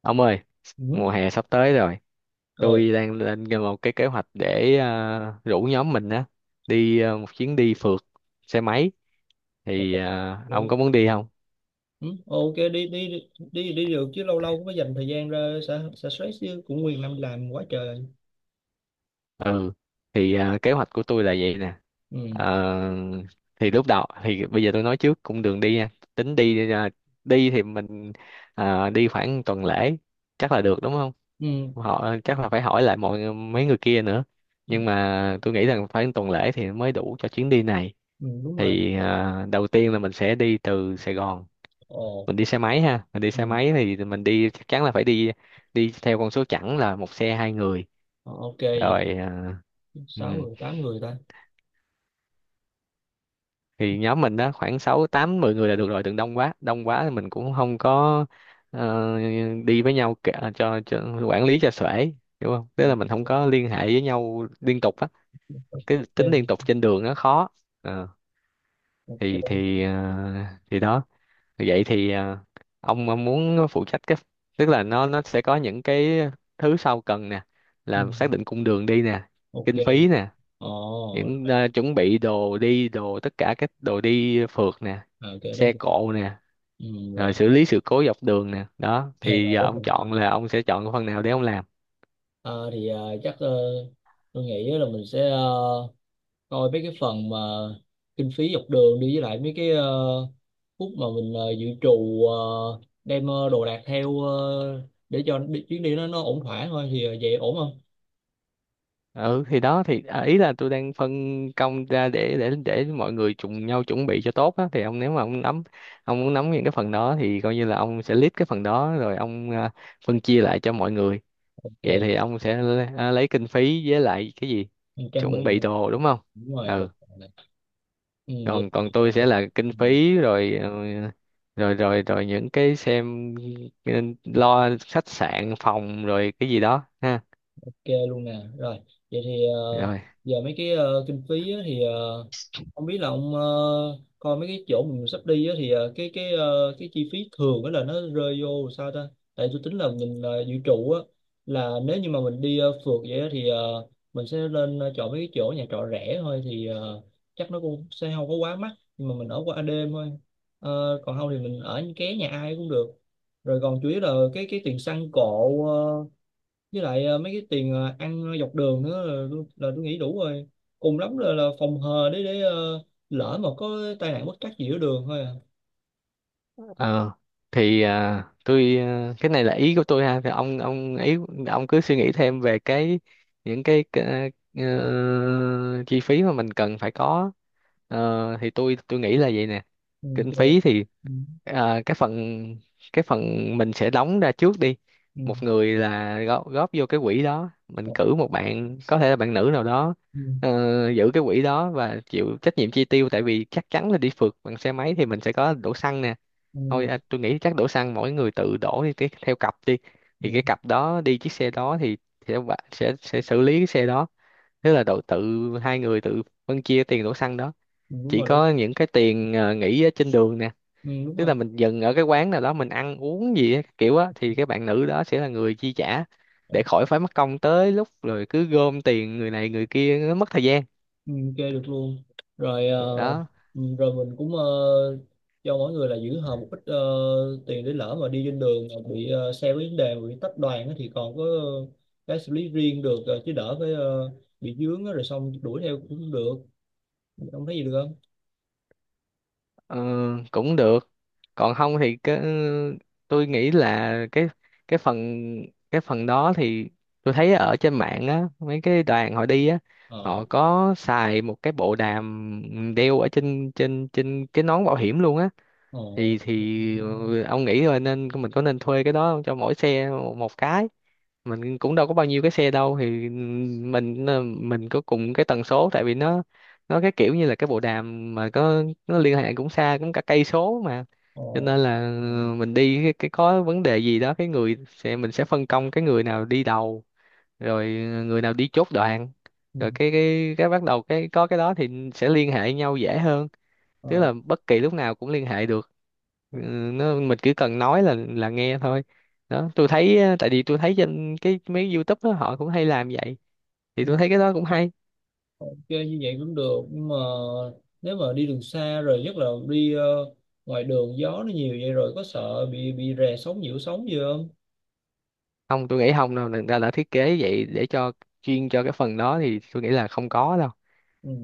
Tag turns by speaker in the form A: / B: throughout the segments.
A: Ông ơi,
B: Ừ.
A: mùa hè sắp tới rồi.
B: Ừ.
A: Tôi đang lên một cái kế hoạch để rủ nhóm mình á đi một chuyến đi phượt xe máy. Thì
B: Ok.
A: ông có muốn đi không?
B: Ừ. Ok, đi đi đi đi đi được chứ, lâu lâu cũng phải dành thời gian ra xả xả stress chứ, cũng nguyên năm làm quá trời.
A: Ừ, thì kế hoạch của tôi là vậy nè.
B: Ừ.
A: Ờ, thì lúc đầu thì bây giờ tôi nói trước cũng đường đi nha. Tính đi đi thì mình đi khoảng tuần lễ, chắc là được đúng không?
B: Ừ.
A: Họ chắc là phải hỏi lại mọi mấy người kia nữa,
B: Ừ,
A: nhưng mà tôi nghĩ rằng phải tuần lễ thì mới đủ cho chuyến đi này.
B: ừ, đúng rồi.
A: Thì đầu tiên là mình sẽ đi từ Sài Gòn, mình
B: Ok.
A: đi xe máy ha, mình đi
B: Ừ.
A: xe máy thì mình đi chắc chắn là phải đi, đi theo con số chẵn là một xe hai người.
B: Ờ, ok vậy.
A: Rồi ừ.
B: Sáu người tám người ta.
A: Thì nhóm mình đó khoảng sáu tám 10 người là được rồi, đừng đông quá, đông quá thì mình cũng không có ờ, đi với nhau cả, cho quản lý cho xuể, hiểu không?
B: Ừ.
A: Tức là mình không có liên hệ với nhau liên tục á, cái tính liên
B: Em.
A: tục trên đường nó khó. Ờ, thì
B: Ok.
A: thì ờ, thì đó, vậy thì ông muốn phụ trách cái, tức là nó sẽ có những cái thứ sau cần nè:
B: Ừ.
A: là xác định cung đường đi nè,
B: Ok.
A: kinh phí nè,
B: Ồ,
A: những
B: rồi.
A: chuẩn bị đồ đi đồ, tất cả các đồ đi phượt nè,
B: Ờ, ok đó.
A: xe cộ nè,
B: Ừ,
A: rồi
B: rồi.
A: xử lý sự cố dọc đường nè. Đó
B: Ok
A: thì
B: rồi
A: giờ
B: đó
A: ông
B: mình
A: chọn
B: làm.
A: là ông sẽ chọn cái phần nào để ông làm.
B: Ờ, thì chắc tôi nghĩ là mình sẽ coi mấy cái phần mà kinh phí dọc đường đi với lại mấy cái phút mà mình dự trù đem đồ đạc theo để cho chuyến đi nó ổn thỏa thôi thì vậy ổn không?
A: Ừ, thì đó thì ý là tôi đang phân công ra để mọi người cùng nhau chuẩn bị cho tốt á. Thì ông, nếu mà ông nắm, ông muốn nắm những cái phần đó thì coi như là ông sẽ lead cái phần đó, rồi ông phân chia lại cho mọi người. Vậy
B: Ok,
A: thì ông sẽ lấy kinh phí với lại cái gì,
B: mình trang
A: chuẩn
B: bị
A: bị
B: nè.
A: đồ đúng không?
B: Đúng rồi rồi.
A: Ừ,
B: Ừ, vậy
A: còn còn
B: thì,
A: tôi sẽ là kinh
B: ừ.
A: phí, rồi rồi những cái xem, ừ, lo khách sạn phòng rồi cái gì đó ha.
B: Ok luôn nè. Rồi, vậy thì
A: Rồi.
B: giờ mấy cái kinh phí á, thì không biết là ông coi mấy cái chỗ mình sắp đi á, thì cái chi phí thường á là nó rơi vô sao ta? Tại tôi tính là mình dự trù á, là nếu như mà mình đi phượt vậy á, thì mình sẽ lên chọn mấy cái chỗ nhà trọ rẻ thôi thì chắc nó cũng sẽ không có quá mắc, nhưng mà mình ở qua đêm thôi. Ờ, còn không thì mình ở ké nhà ai cũng được. Rồi còn chủ yếu là cái tiền xăng cộ với lại mấy cái tiền ăn dọc đường nữa là, là tôi nghĩ đủ rồi, cùng lắm là phòng hờ để lỡ mà có tai nạn bất trắc gì ở đường thôi à.
A: Ờ, thì tôi, cái này là ý của tôi ha, thì ông ý, ông cứ suy nghĩ thêm về cái những cái chi phí mà mình cần phải có. Thì tôi nghĩ là vậy nè.
B: Ừ,
A: Kinh
B: ok.
A: phí thì
B: Ừ,
A: à, cái phần cái phần mình sẽ đóng ra trước đi,
B: ừ,
A: một người là góp vô cái quỹ đó, mình cử một bạn có thể là bạn nữ nào đó
B: ừ,
A: giữ cái quỹ đó và chịu trách nhiệm chi tiêu. Tại vì chắc chắn là đi phượt bằng xe máy thì mình sẽ có đổ xăng nè,
B: ừ,
A: thôi tôi nghĩ chắc đổ xăng mỗi người tự đổ đi, cái theo cặp đi, thì
B: ừ,
A: cái cặp đó đi chiếc xe đó thì sẽ sẽ xử lý cái xe đó, tức là đổ tự, hai người tự phân chia tiền đổ xăng đó.
B: ừ, đúng
A: Chỉ
B: rồi đủ.
A: có những cái tiền nghỉ ở trên đường nè,
B: Ừ, đúng
A: tức là
B: rồi.
A: mình dừng ở cái quán nào đó mình ăn uống gì á, kiểu á, thì cái bạn nữ đó sẽ là người chi trả, để khỏi phải mất công tới lúc rồi cứ gom tiền người này người kia, nó mất thời gian.
B: Ừ, chơi được luôn. Rồi, ờ,
A: Đó.
B: ừ, rồi mình cũng cho mỗi người là giữ hờ một ít tiền, để lỡ mà đi trên đường mà bị xe có vấn đề mà bị tách đoàn á thì còn có cái xử lý riêng được, chứ đỡ phải bị dướng á, rồi xong đuổi theo cũng không được, không thấy gì được không.
A: Ờ, Cũng được. Còn không thì cái, tôi nghĩ là cái phần cái phần đó thì tôi thấy ở trên mạng á, mấy cái đoàn họ đi á,
B: Ờ,
A: họ có xài một cái bộ đàm đeo ở trên trên trên cái nón bảo hiểm luôn á.
B: ờ,
A: Ông nghĩ thôi, nên mình có nên thuê cái đó không? Cho mỗi xe một một cái. Mình cũng đâu có bao nhiêu cái xe đâu, thì ừ, mình có cùng cái tần số, tại vì nó cái kiểu như là cái bộ đàm mà có, nó liên hệ cũng xa, cũng cả cây số mà.
B: ờ.
A: Cho nên là ừ, mình đi cái có vấn đề gì đó, cái người sẽ, mình sẽ phân công cái người nào đi đầu, rồi ừ, người nào đi chốt đoạn,
B: Ừ,
A: rồi cái bắt đầu cái có cái đó thì sẽ liên hệ nhau dễ hơn, tức
B: ờ,
A: là bất kỳ lúc nào cũng liên hệ được. Ừ, nó mình chỉ cần nói là nghe thôi. Đó tôi thấy tại vì tôi thấy trên cái mấy YouTube đó họ cũng hay làm vậy, thì tôi thấy cái đó cũng hay.
B: ok như vậy cũng được, nhưng mà nếu mà đi đường xa rồi nhất là đi ngoài đường gió nó nhiều vậy rồi, có sợ bị rè sóng nhiễu sóng gì không.
A: Không, tôi nghĩ không đâu, người ta đã thiết kế vậy để cho, chuyên cho cái phần đó thì tôi nghĩ là không có đâu.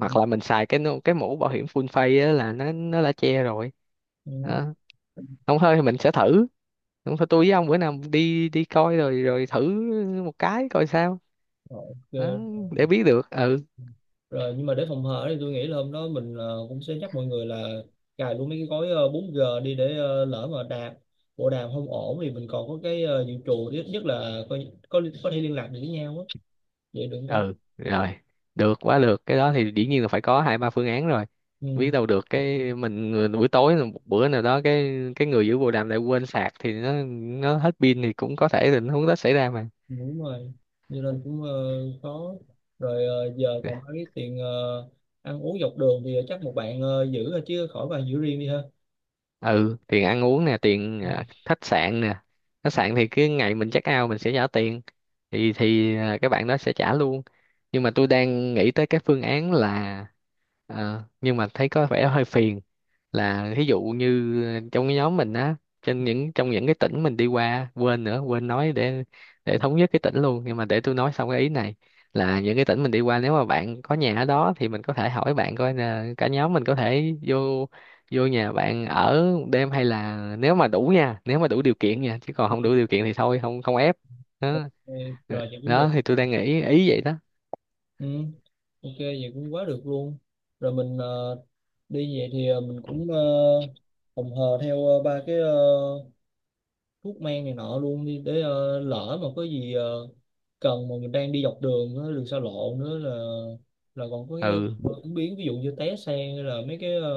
A: Hoặc là mình xài cái cái mũ bảo hiểm full face á là nó đã che rồi.
B: ừ.
A: Đó. Không thôi thì mình sẽ thử, không thôi tôi với ông bữa nào đi đi coi, rồi rồi thử một cái coi sao.
B: Rồi,
A: Đó,
B: ok
A: để biết được. Ừ,
B: rồi. Nhưng mà để phòng hờ thì tôi nghĩ là hôm đó mình cũng sẽ nhắc mọi người là cài luôn mấy cái gói 4G đi để lỡ mà bộ đàm không ổn thì mình còn có cái dự trù, ít nhất là có thể liên lạc được với nhau á, vậy được không ta.
A: ừ, rồi, được quá. Được cái đó thì dĩ nhiên là phải có hai ba phương án rồi,
B: Ừ,
A: biết đâu được cái mình buổi tối là một bữa nào đó cái người giữ bồ đàm lại quên sạc thì nó hết pin, thì cũng có thể tình huống đó xảy ra mà.
B: đúng rồi. Như nên cũng khó. Rồi giờ còn có cái tiền ăn uống dọc đường thì chắc một bạn giữ thôi chứ khỏi bạn giữ riêng đi ha.
A: Ừ, tiền ăn uống nè, tiền
B: Ừ,
A: khách sạn nè. Khách sạn thì cái ngày mình check out mình sẽ trả tiền, thì các bạn đó sẽ trả luôn. Nhưng mà tôi đang nghĩ tới cái phương án là nhưng mà thấy có vẻ hơi phiền, là thí dụ như trong cái nhóm mình á, trên những trong những cái tỉnh mình đi qua, quên nữa quên nói, để thống nhất cái tỉnh luôn, nhưng mà để tôi nói xong cái ý này. Là những cái tỉnh mình đi qua, nếu mà bạn có nhà ở đó thì mình có thể hỏi bạn coi là cả nhóm mình có thể vô, vô nhà bạn ở một đêm, hay là nếu mà đủ nha, nếu mà đủ điều kiện nha, chứ còn không đủ điều kiện thì thôi, không, không ép. Đó.
B: ok rồi vậy cũng
A: Đó
B: được.
A: thì tôi đang nghĩ ý vậy đó.
B: Ừ, ok vậy cũng quá được luôn. Rồi mình đi về thì mình cũng phòng hờ theo ba cái thuốc men này nọ luôn đi, để lỡ mà có gì cần, mà mình đang đi dọc đường á, đường xa lộ nữa là còn có cái
A: Ừ,
B: ứng biến, ví dụ như té xe hay là mấy cái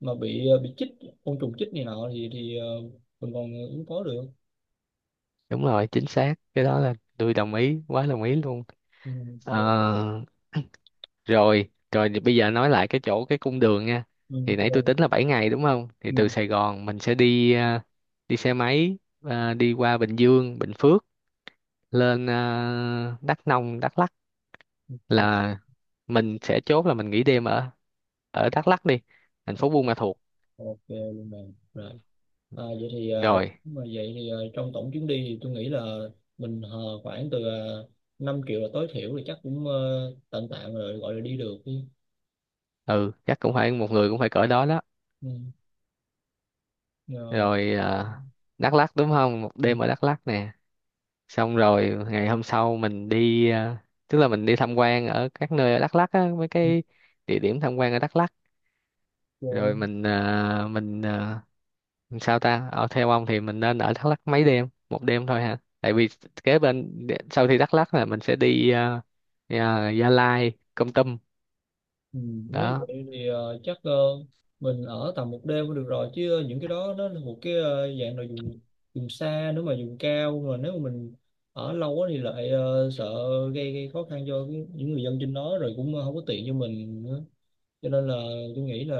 B: mà bị bị chích côn trùng chích này nọ thì mình còn ứng phó được.
A: đúng rồi chính xác, cái đó là tôi đồng ý quá đồng ý luôn.
B: Ừ, ok.
A: Ờ Rồi, rồi thì bây giờ nói lại cái chỗ cái cung đường nha.
B: Ừ,
A: Thì nãy tôi tính
B: ok.
A: là 7 ngày đúng không? Thì
B: Ừ,
A: từ Sài Gòn mình sẽ đi, đi xe máy đi qua Bình Dương, Bình Phước, lên Đắk Nông, Đắk Lắk,
B: ok.
A: là mình sẽ chốt là mình nghỉ đêm ở ở Đắk Lắk đi, thành phố Buôn Ma Thuột.
B: Ok luôn bạn rồi. À, vậy thì ờ,
A: Rồi,
B: mà vậy thì ờ, trong tổng chuyến đi thì tôi nghĩ là mình hờ khoảng từ uh, 5 triệu là tối thiểu, thì chắc cũng tạm tạm rồi, gọi là đi được đi.
A: ừ, chắc cũng phải một người cũng phải cỡ đó đó.
B: Ừ. Rồi.
A: Rồi Đắk Lắk đúng không? Một
B: Ừ,
A: đêm ở Đắk Lắk nè. Xong rồi ngày hôm sau mình đi tức là mình đi tham quan ở các nơi ở Đắk Lắk á, mấy cái địa điểm tham quan ở Đắk Lắk. Rồi
B: ok.
A: mình sao ta, ở theo ông thì mình nên ở Đắk Lắk mấy đêm, một đêm thôi hả, tại vì kế bên sau khi Đắk Lắk là mình sẽ đi Gia Lai, Kon Tum.
B: Ừ, nếu
A: Đó.
B: vậy thì chắc mình ở tầm một đêm cũng được rồi, chứ những cái đó nó là một cái dạng là vùng vùng xa, nếu mà vùng cao mà nếu mà mình ở lâu quá thì lại sợ gây khó khăn cho những người dân trên đó, rồi cũng không có tiện cho mình nữa, cho nên là tôi nghĩ là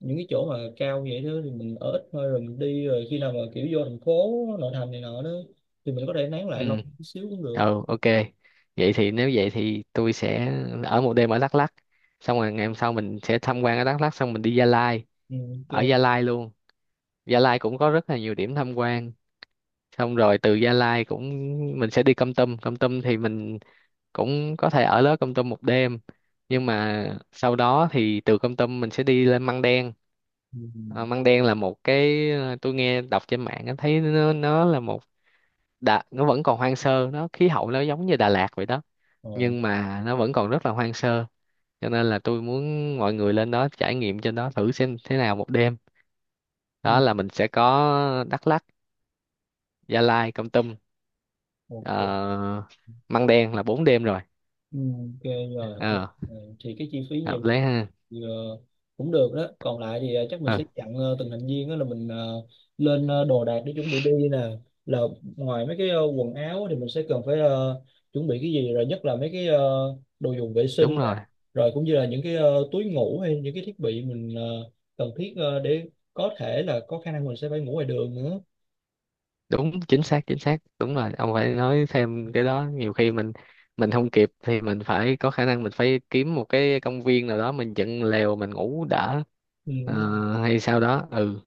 B: những cái chỗ mà cao vậy đó thì mình ở ít thôi rồi mình đi, rồi khi nào mà kiểu vô thành phố nội thành này nọ đó thì mình có thể nán
A: Ừ,
B: lại lâu chút xíu cũng được.
A: ừ, ok. vậy thì Nếu vậy thì tôi sẽ ở một đêm ở Đắk Lắk, xong rồi ngày hôm sau mình sẽ tham quan ở Đắk Lắk xong mình đi Gia Lai,
B: Ừ,
A: ở
B: ok.
A: Gia Lai luôn. Gia Lai cũng có rất là nhiều điểm tham quan, xong rồi từ Gia Lai cũng mình sẽ đi Kon Tum. Kon Tum thì mình cũng có thể ở đó Kon Tum một đêm, nhưng mà sau đó thì từ Kon Tum mình sẽ đi lên Măng Đen.
B: Ừ.
A: Măng Đen là một cái tôi nghe đọc trên mạng á, thấy nó là một, nó vẫn còn hoang sơ, nó khí hậu nó giống như Đà Lạt vậy đó,
B: Ồ,
A: nhưng mà nó vẫn còn rất là hoang sơ. Cho nên là tôi muốn mọi người lên đó trải nghiệm, trên đó thử xem thế nào, một đêm.
B: ừ,
A: Đó là mình sẽ có Đắk Lắk, Gia Lai, Kon Tum,
B: ok.
A: ờ, măng đen là 4 đêm rồi.
B: Ừ, ok rồi hợp lý.
A: ờ
B: Rồi, thì cái chi phí
A: Hợp
B: nhiều
A: lý ha.
B: thì, cũng được đó, còn lại thì chắc mình
A: Ừ,
B: sẽ chặn từng thành viên đó, là mình lên đồ đạc để chuẩn bị đi nè, là ngoài mấy cái quần áo thì mình sẽ cần phải chuẩn bị cái gì, rồi nhất là mấy cái đồ dùng vệ sinh
A: đúng
B: nè,
A: rồi,
B: rồi cũng như là những cái túi ngủ hay những cái thiết bị mình cần thiết để có thể là có khả năng mình sẽ phải ngủ ngoài đường nữa.
A: đúng chính xác, chính xác, đúng rồi. Ông phải nói thêm cái đó, nhiều khi mình không kịp thì mình phải có khả năng, mình phải kiếm một cái công viên nào đó mình dựng lều mình ngủ đỡ.
B: Ừ.
A: Hay sao đó. Ừ.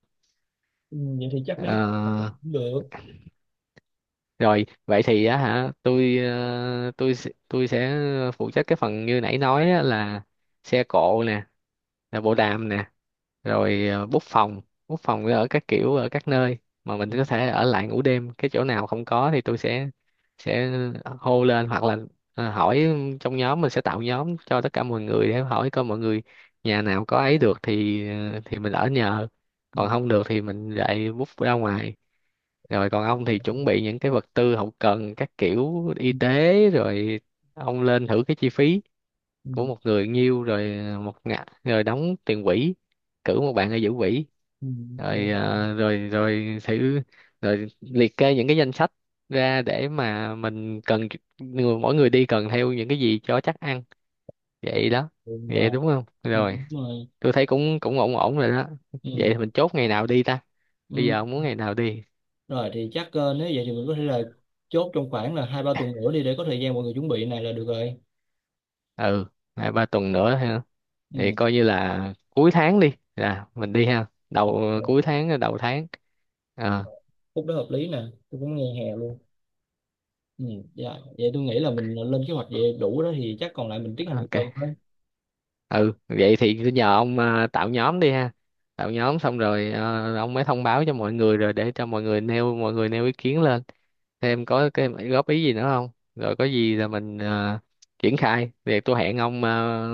B: Ừ, vậy thì chắc mấy cái cũng
A: Ờ,
B: được.
A: Rồi, vậy thì á hả, tôi tôi sẽ phụ trách cái phần như nãy nói á, là xe cộ nè, là bộ đàm nè, rồi bút phòng ở các kiểu, ở các nơi mà mình có thể ở lại ngủ đêm. Cái chỗ nào không có thì tôi sẽ hô lên, hoặc là hỏi trong nhóm. Mình sẽ tạo nhóm cho tất cả mọi người để hỏi coi mọi người nhà nào có ấy được thì thì mình ở nhờ, còn
B: Ừ.
A: không được thì mình lại bút ra ngoài. Rồi còn ông thì chuẩn bị những cái vật tư hậu cần các kiểu y
B: Ừ.
A: tế, rồi ông lên thử cái chi phí
B: Ừ.
A: của một người nhiêu, rồi một ngã, rồi đóng tiền quỹ, cử một bạn ở giữ quỹ, rồi
B: Ừ.
A: rồi rồi thử, rồi liệt kê những cái danh sách ra để mà mình cần, mỗi người đi cần theo những cái gì cho chắc ăn.
B: Ok.
A: Vậy đó,
B: Ừ,
A: vậy
B: rồi.
A: đúng không,
B: Ừ,
A: rồi
B: đúng rồi.
A: tôi thấy cũng cũng ổn ổn rồi đó.
B: Ừ.
A: Vậy thì mình chốt ngày nào đi ta, bây giờ
B: Ừ.
A: ông muốn ngày nào đi?
B: Rồi thì chắc nếu vậy thì mình có thể là chốt trong khoảng là hai ba tuần nữa đi, để có thời gian mọi người chuẩn bị này là được rồi.
A: Ừ, hai ba tuần nữa ha. Thì
B: Ừ.
A: coi như là cuối tháng đi, là mình đi ha,
B: Ok.
A: đầu cuối tháng, đầu tháng. Ờ,
B: Rồi. Khúc đó hợp lý nè, tôi cũng nghe hè luôn. Ừ. Dạ. Vậy tôi nghĩ là mình lên kế hoạch vậy đủ đó, thì chắc còn lại mình tiến hành từ từ
A: ok.
B: thôi.
A: Ừ, vậy thì cứ nhờ ông tạo nhóm đi ha, tạo nhóm xong rồi ông mới thông báo cho mọi người, rồi để cho mọi người nêu, mọi người nêu ý kiến lên thêm, có cái góp ý gì nữa không. Rồi có gì là mình triển khai. Thì tôi hẹn ông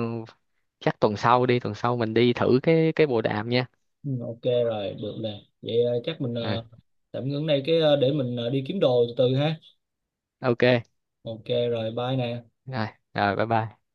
A: chắc tuần sau đi, tuần sau mình đi thử cái bộ đàm nha.
B: Ừ. Ok rồi, được nè. Vậy chắc mình
A: Ừ,
B: tạm ngưng đây cái để mình đi kiếm đồ từ từ ha.
A: ok,
B: Ok rồi, bye nè.
A: rồi rồi, bye bye.